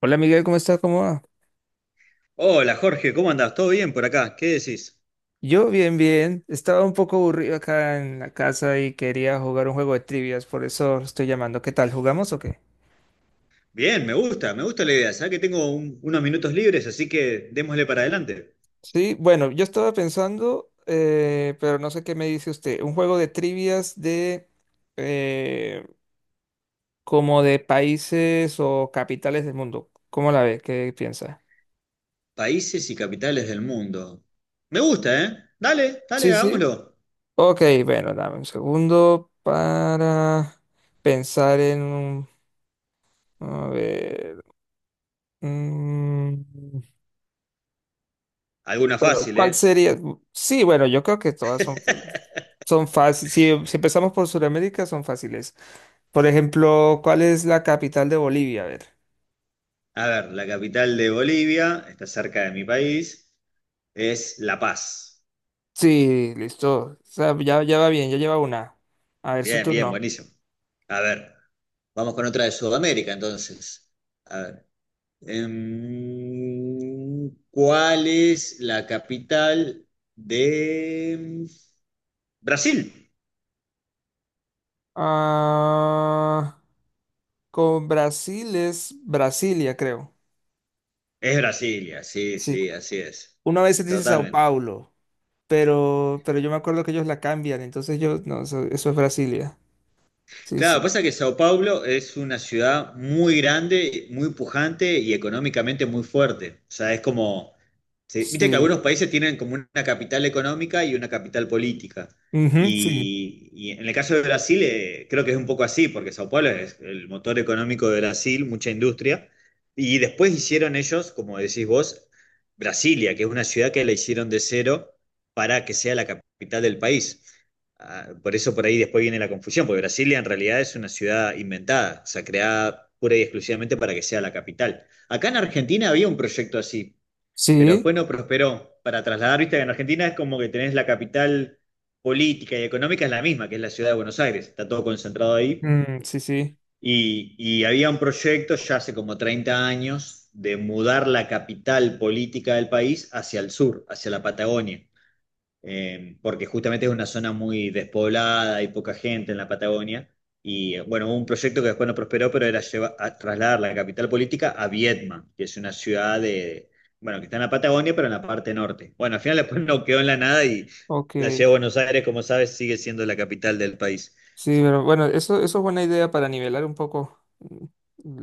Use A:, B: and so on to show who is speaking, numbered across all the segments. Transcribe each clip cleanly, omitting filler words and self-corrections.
A: Hola Miguel, ¿cómo estás? ¿Cómo va?
B: Hola Jorge, ¿cómo andás? ¿Todo bien por acá? ¿Qué decís?
A: Yo bien, bien. Estaba un poco aburrido acá en la casa y quería jugar un juego de trivias, por eso estoy llamando. ¿Qué tal? ¿Jugamos o qué?
B: Bien, me gusta la idea. Sabés que tengo unos minutos libres, así que démosle para adelante.
A: Sí, bueno, yo estaba pensando, pero no sé qué me dice usted. Un juego de trivias de eh, como de países o capitales del mundo. ¿Cómo la ve? ¿Qué piensa?
B: Países y capitales del mundo. Me gusta, ¿eh? Dale, dale,
A: Sí, sí.
B: hagámoslo.
A: Ok, bueno, dame un segundo para pensar en un. A ver. mm.
B: Alguna
A: Bueno,
B: fácil,
A: ¿cuál
B: ¿eh?
A: sería? Sí, bueno, yo creo que son fáciles. Si empezamos por Sudamérica, son fáciles. Por ejemplo, ¿cuál es la capital de Bolivia? A ver.
B: A ver, la capital de Bolivia, está cerca de mi país, es La Paz.
A: Sí, listo. O sea, ya va bien, ya lleva una. A ver, su
B: Bien, bien,
A: turno.
B: buenísimo. A ver, vamos con otra de Sudamérica entonces. ¿Cuál es la capital de Brasil?
A: Ah, con Brasil es Brasilia, creo.
B: Es Brasilia, sí,
A: Sí,
B: sí, así es.
A: una vez se dice Sao
B: Totalmente.
A: Paulo, pero yo me acuerdo que ellos la cambian, entonces yo, no, eso es Brasilia. Sí,
B: Claro,
A: sí,
B: pasa que Sao Paulo es una ciudad muy grande, muy pujante y económicamente muy fuerte. O sea, es como, viste que algunos
A: sí.
B: países tienen como una capital económica y una capital política.
A: Ujú, sí,
B: Y en el caso de Brasil, creo que es un poco así, porque Sao Paulo es el motor económico de Brasil, mucha industria. Y después hicieron ellos, como decís vos, Brasilia, que es una ciudad que la hicieron de cero para que sea la capital del país. Ah, por eso por ahí después viene la confusión, porque Brasilia en realidad es una ciudad inventada, o sea, creada pura y exclusivamente para que sea la capital. Acá en Argentina había un proyecto así, pero
A: sí.
B: después no prosperó. Para trasladar, viste, en Argentina es como que tenés la capital política y económica es la misma, que es la ciudad de Buenos Aires, está todo concentrado ahí.
A: Mm, sí, sí,
B: Y había un proyecto ya hace como 30 años de mudar la capital política del país hacia el sur, hacia la Patagonia, porque justamente es una zona muy despoblada, hay poca gente en la Patagonia. Y bueno, hubo un proyecto que después no prosperó, pero era a trasladar la capital política a Viedma, que es una ciudad de, bueno, que está en la Patagonia, pero en la parte norte. Bueno, al final después no quedó en la nada y la
A: ok.
B: ciudad de Buenos Aires, como sabes, sigue siendo la capital del país.
A: Sí, pero bueno, eso es buena idea para nivelar un poco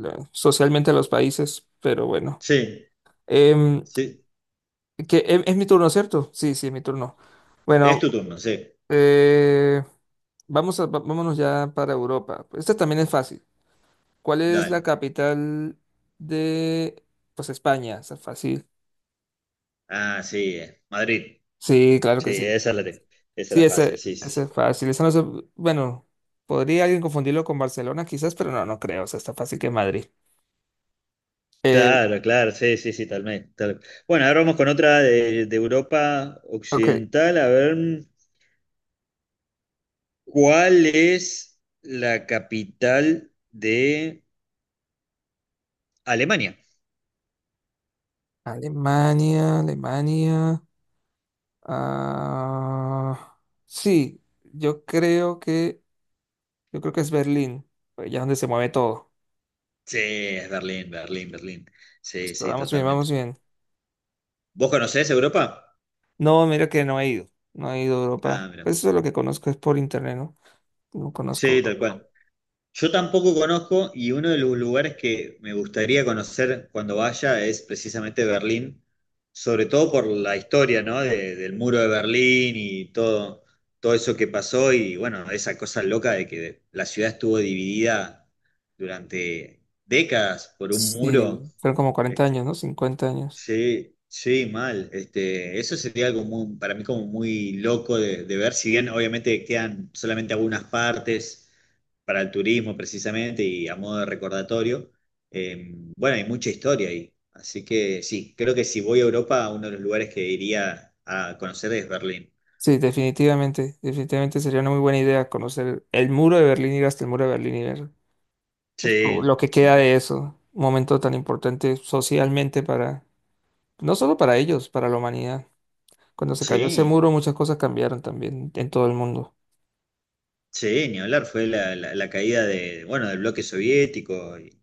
A: socialmente a los países, pero bueno.
B: Sí,
A: Em,
B: sí.
A: es mi turno, ¿cierto? Sí, sí, es mi turno.
B: Es
A: Bueno,
B: tu turno, sí.
A: eh, vamos a, vámonos ya para Europa. Esta también es fácil. ¿Cuál es la
B: Dale.
A: capital de, pues, España? Está fácil.
B: Ah, sí, Madrid.
A: Sí, claro que
B: Sí,
A: sí.
B: esa
A: Sí,
B: era fácil,
A: ese,
B: sí, sí,
A: ese
B: sí.
A: es fácil. Eso no se- bueno, podría alguien confundirlo con Barcelona quizás, pero no, no creo. O sea, está fácil que Madrid. Eh,
B: Claro, claro, sí, sí, sí. talmente, tal Bueno, ahora vamos con otra de Europa
A: ok.
B: Occidental, a ver, cuál es la capital de Alemania.
A: Alemania, Alemania. Ah, sí, yo creo que es Berlín. Pues ya es donde se mueve todo.
B: Sí, es Berlín, Berlín, Berlín. Sí,
A: Listo,
B: sí,
A: vamos bien,
B: totalmente.
A: vamos bien.
B: ¿Vos conocés Europa?
A: No, mira que no he ido. No he ido a Europa.
B: Ah, mira.
A: Pues eso es lo que conozco es por internet, ¿no? No conozco
B: Sí, tal
A: Europa.
B: cual. Yo tampoco conozco y uno de los lugares que me gustaría conocer cuando vaya es precisamente Berlín, sobre todo por la historia, ¿no? Del muro de Berlín y todo eso que pasó y bueno, esa cosa loca de que la ciudad estuvo dividida durante décadas por un muro.
A: Sí, fueron como cuarenta
B: Este,
A: años, ¿no? 50 años.
B: Sí, sí, mal. Eso sería algo muy, para mí como muy loco de ver. Si bien obviamente quedan solamente algunas partes para el turismo precisamente y a modo de recordatorio, bueno, hay mucha historia ahí. Así que sí, creo que si voy a Europa, uno de los lugares que iría a conocer es Berlín.
A: Sí, definitivamente, definitivamente sería una muy buena idea conocer el muro de Berlín, ir hasta el muro de Berlín y ver
B: Sí,
A: lo que queda
B: sí,
A: de eso, un momento tan importante socialmente para, no solo para ellos, para la humanidad. Cuando se cayó ese
B: sí,
A: muro, muchas cosas cambiaron también en todo el mundo.
B: sí, ni hablar, fue la, la caída de, bueno, del bloque soviético y,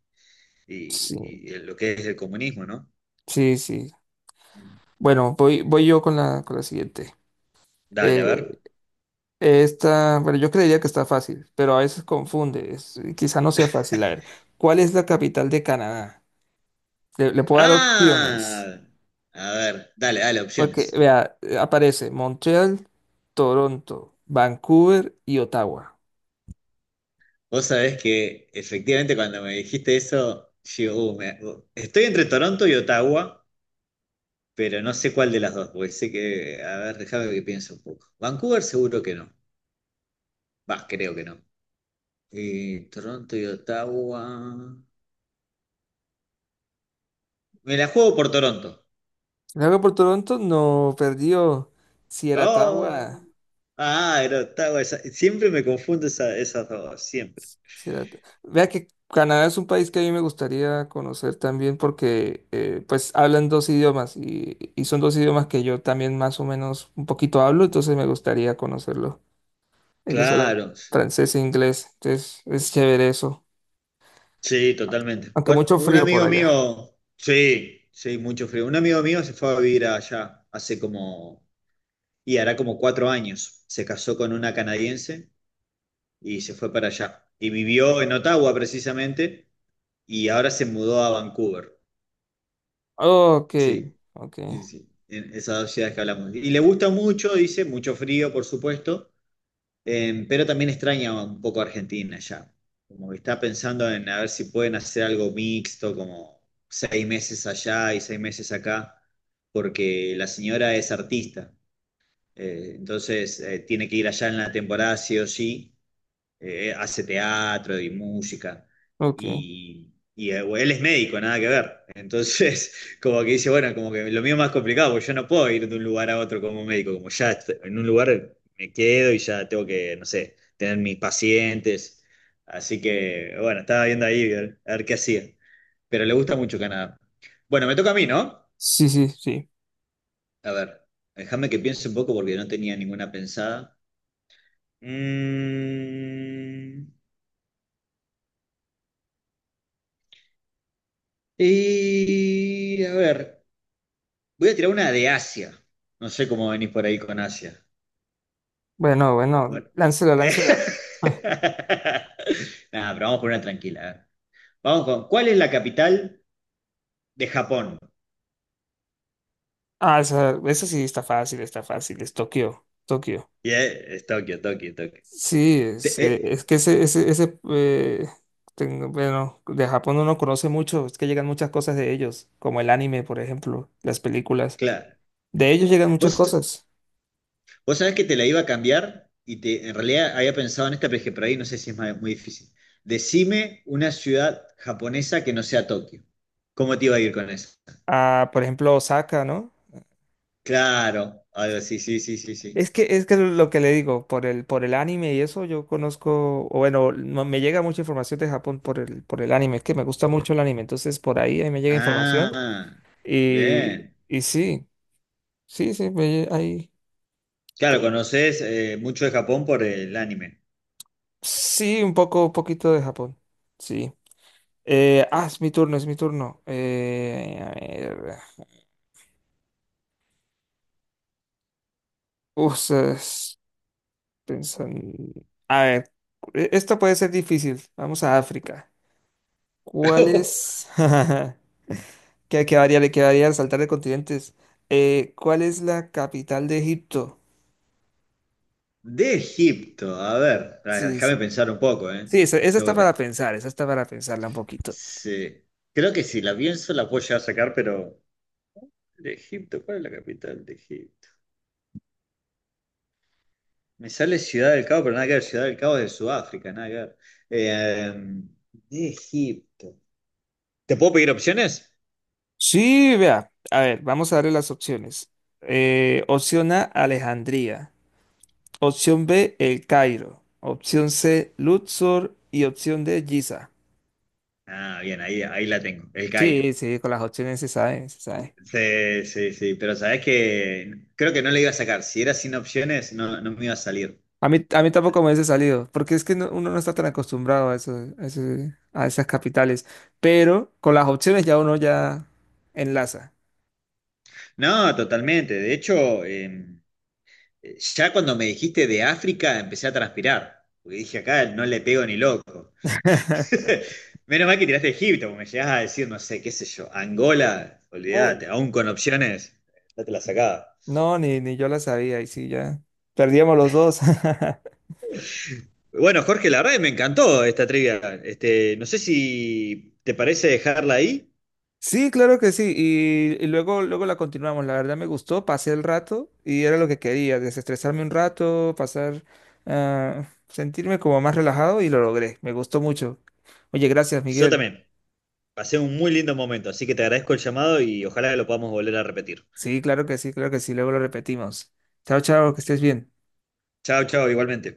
A: Sí,
B: y- y lo que es el comunismo, ¿no?
A: sí, sí. Bueno, voy yo con con la siguiente.
B: Dale, a
A: Eh,
B: ver.
A: esta, bueno, yo creería que está fácil, pero a veces confunde. Quizá no sea fácil. A ver, ¿cuál es la capital de Canadá? Le puedo dar opciones.
B: Ah, a ver, dale, dale,
A: Porque,
B: opciones.
A: vea, aparece Montreal, Toronto, Vancouver y Ottawa.
B: Vos sabés que efectivamente cuando me dijiste eso, yo estoy entre Toronto y Ottawa, pero no sé cuál de las dos, porque sé que, a ver, déjame que piense un poco. Vancouver seguro que no, va, creo que no. Y Toronto y Ottawa. Me la juego por Toronto.
A: Si le hago por Toronto, no perdió. Si era
B: Oh,
A: Ottawa.
B: ah, era Ottawa, siempre me confundo esas dos, siempre.
A: Sí, da- Vea que Canadá es un país que a mí me gustaría conocer también porque pues hablan dos idiomas y son dos idiomas que yo también más o menos un poquito hablo, entonces me gustaría conocerlo. Ellos hablan
B: Claro.
A: francés e inglés, entonces es chévere eso,
B: Sí, totalmente.
A: aunque
B: Bueno,
A: mucho
B: un
A: frío por
B: amigo
A: allá.
B: mío, sí, sí, mucho frío. Un amigo mío se fue a vivir allá hace como, y hará como 4 años. Se casó con una canadiense y se fue para allá. Y vivió en Ottawa precisamente y ahora se mudó a Vancouver.
A: Ok,
B: Sí,
A: ok,
B: sí, sí, en esas dos ciudades que hablamos. Y le gusta mucho, dice, mucho frío, por supuesto. Pero también extraña un poco a Argentina ya. Como que está pensando en a ver si pueden hacer algo mixto, como 6 meses allá y 6 meses acá, porque la señora es artista. Entonces tiene que ir allá en la temporada sí o sí. Hace teatro y música,
A: ok.
B: y él es médico, nada que ver. Entonces, como que dice, bueno, como que lo mío es más complicado, porque yo no puedo ir de un lugar a otro como médico, como ya en un lugar me quedo y ya tengo que, no sé, tener mis pacientes. Así que, bueno, estaba viendo ahí a ver, qué hacía. Pero le gusta mucho Canadá. Bueno, me toca a mí, ¿no?
A: Sí, sí, sí.
B: A ver, déjame que piense un poco porque no tenía ninguna pensada. Mm. Y a ver, voy a tirar una de Asia. No sé cómo venís por ahí con Asia.
A: Bueno,
B: A
A: bueno,
B: ver.
A: láncela, láncela.
B: Nada, pero vamos por una tranquila. A ver. Vamos con, ¿cuál es la capital de Japón?
A: Ah, esa sí está fácil, es Tokio, Tokio.
B: Y, es Tokio, Tokio, Tokio.
A: Sí,
B: Te- eh,
A: es que ese bueno, de Japón uno conoce mucho, es que llegan muchas cosas de ellos, como el anime, por ejemplo, las películas.
B: claro.
A: De ellos llegan
B: ¿Vos,
A: muchas cosas.
B: vos sabés que te la iba a cambiar y en realidad había pensado en esta, pero dije, por ahí no sé si es muy difícil. Decime una ciudad japonesa que no sea Tokio. ¿Cómo te iba a ir con eso?
A: Ah, por ejemplo, Osaka, ¿no?
B: Claro, algo así, sí, sí, sí, sí.
A: Es que lo que le digo, por por el anime y eso yo conozco, o bueno, me llega mucha información de Japón por por el anime, es que me gusta mucho el anime, entonces por ahí, ahí me llega información
B: Ah,
A: y,
B: bien.
A: y sí, sí, sí, ahí.
B: Claro, conoces mucho de Japón por el anime.
A: Sí, un poco, un poquito de Japón. Sí. Es mi turno, es mi turno. A ver. Uf, es- pensan- A ver, esto puede ser difícil. Vamos a África. ¿Cuál es? ¿Qué quedaría? Le quedaría saltar de continentes. ¿Cuál es la capital de Egipto?
B: De Egipto, a ver, ah,
A: Sí,
B: déjame
A: sí.
B: pensar un poco, ¿eh?
A: Sí, esa está
B: Tengo que
A: para
B: pe-
A: pensar, esa está para pensarla un poquito.
B: Sí. Creo que si la pienso la puedo llegar a sacar, pero. De Egipto, ¿cuál es la capital de Egipto? Me sale Ciudad del Cabo, pero nada que ver, Ciudad del Cabo es de Sudáfrica, nada que ver. Eh, de Egipto. ¿Te puedo pedir opciones?
A: Sí, vea. A ver, vamos a darle las opciones. Opción A, Alejandría. Opción B, El Cairo. Opción C, Luxor. Y opción D, Giza.
B: Ah, bien, ahí la tengo, El Cairo.
A: Sí, sí, con las opciones se sabe, se sabe.
B: Sí, sí, sí, pero sabes que creo que no le iba a sacar. Si era sin opciones, no, no me iba a salir.
A: A mí tampoco me hubiese salido, porque es que uno no está tan acostumbrado a eso, a esas capitales. Pero con las opciones ya uno ya enlaza.
B: No, totalmente. De hecho, ya cuando me dijiste de África, empecé a transpirar. Porque dije, acá no le pego ni loco. Menos mal que tiraste Egipto, porque me llegás a decir, no sé, qué sé yo, Angola,
A: Uy,
B: olvídate, aún con opciones, ya te la sacaba.
A: no, ni yo la sabía, y sí, ya perdíamos los dos.
B: Bueno, Jorge, la verdad que me encantó esta trivia. No sé si te parece dejarla ahí.
A: Sí, claro que sí. Y luego, luego la continuamos. La verdad me gustó, pasé el rato y era lo que quería, desestresarme un rato, pasar, ah, sentirme como más relajado y lo logré. Me gustó mucho. Oye, gracias,
B: Yo
A: Miguel.
B: también. Pasé un muy lindo momento, así que te agradezco el llamado y ojalá que lo podamos volver a repetir.
A: Sí, claro que sí, claro que sí. Luego lo repetimos. Chao, chao, que estés bien.
B: Chao, chao, igualmente.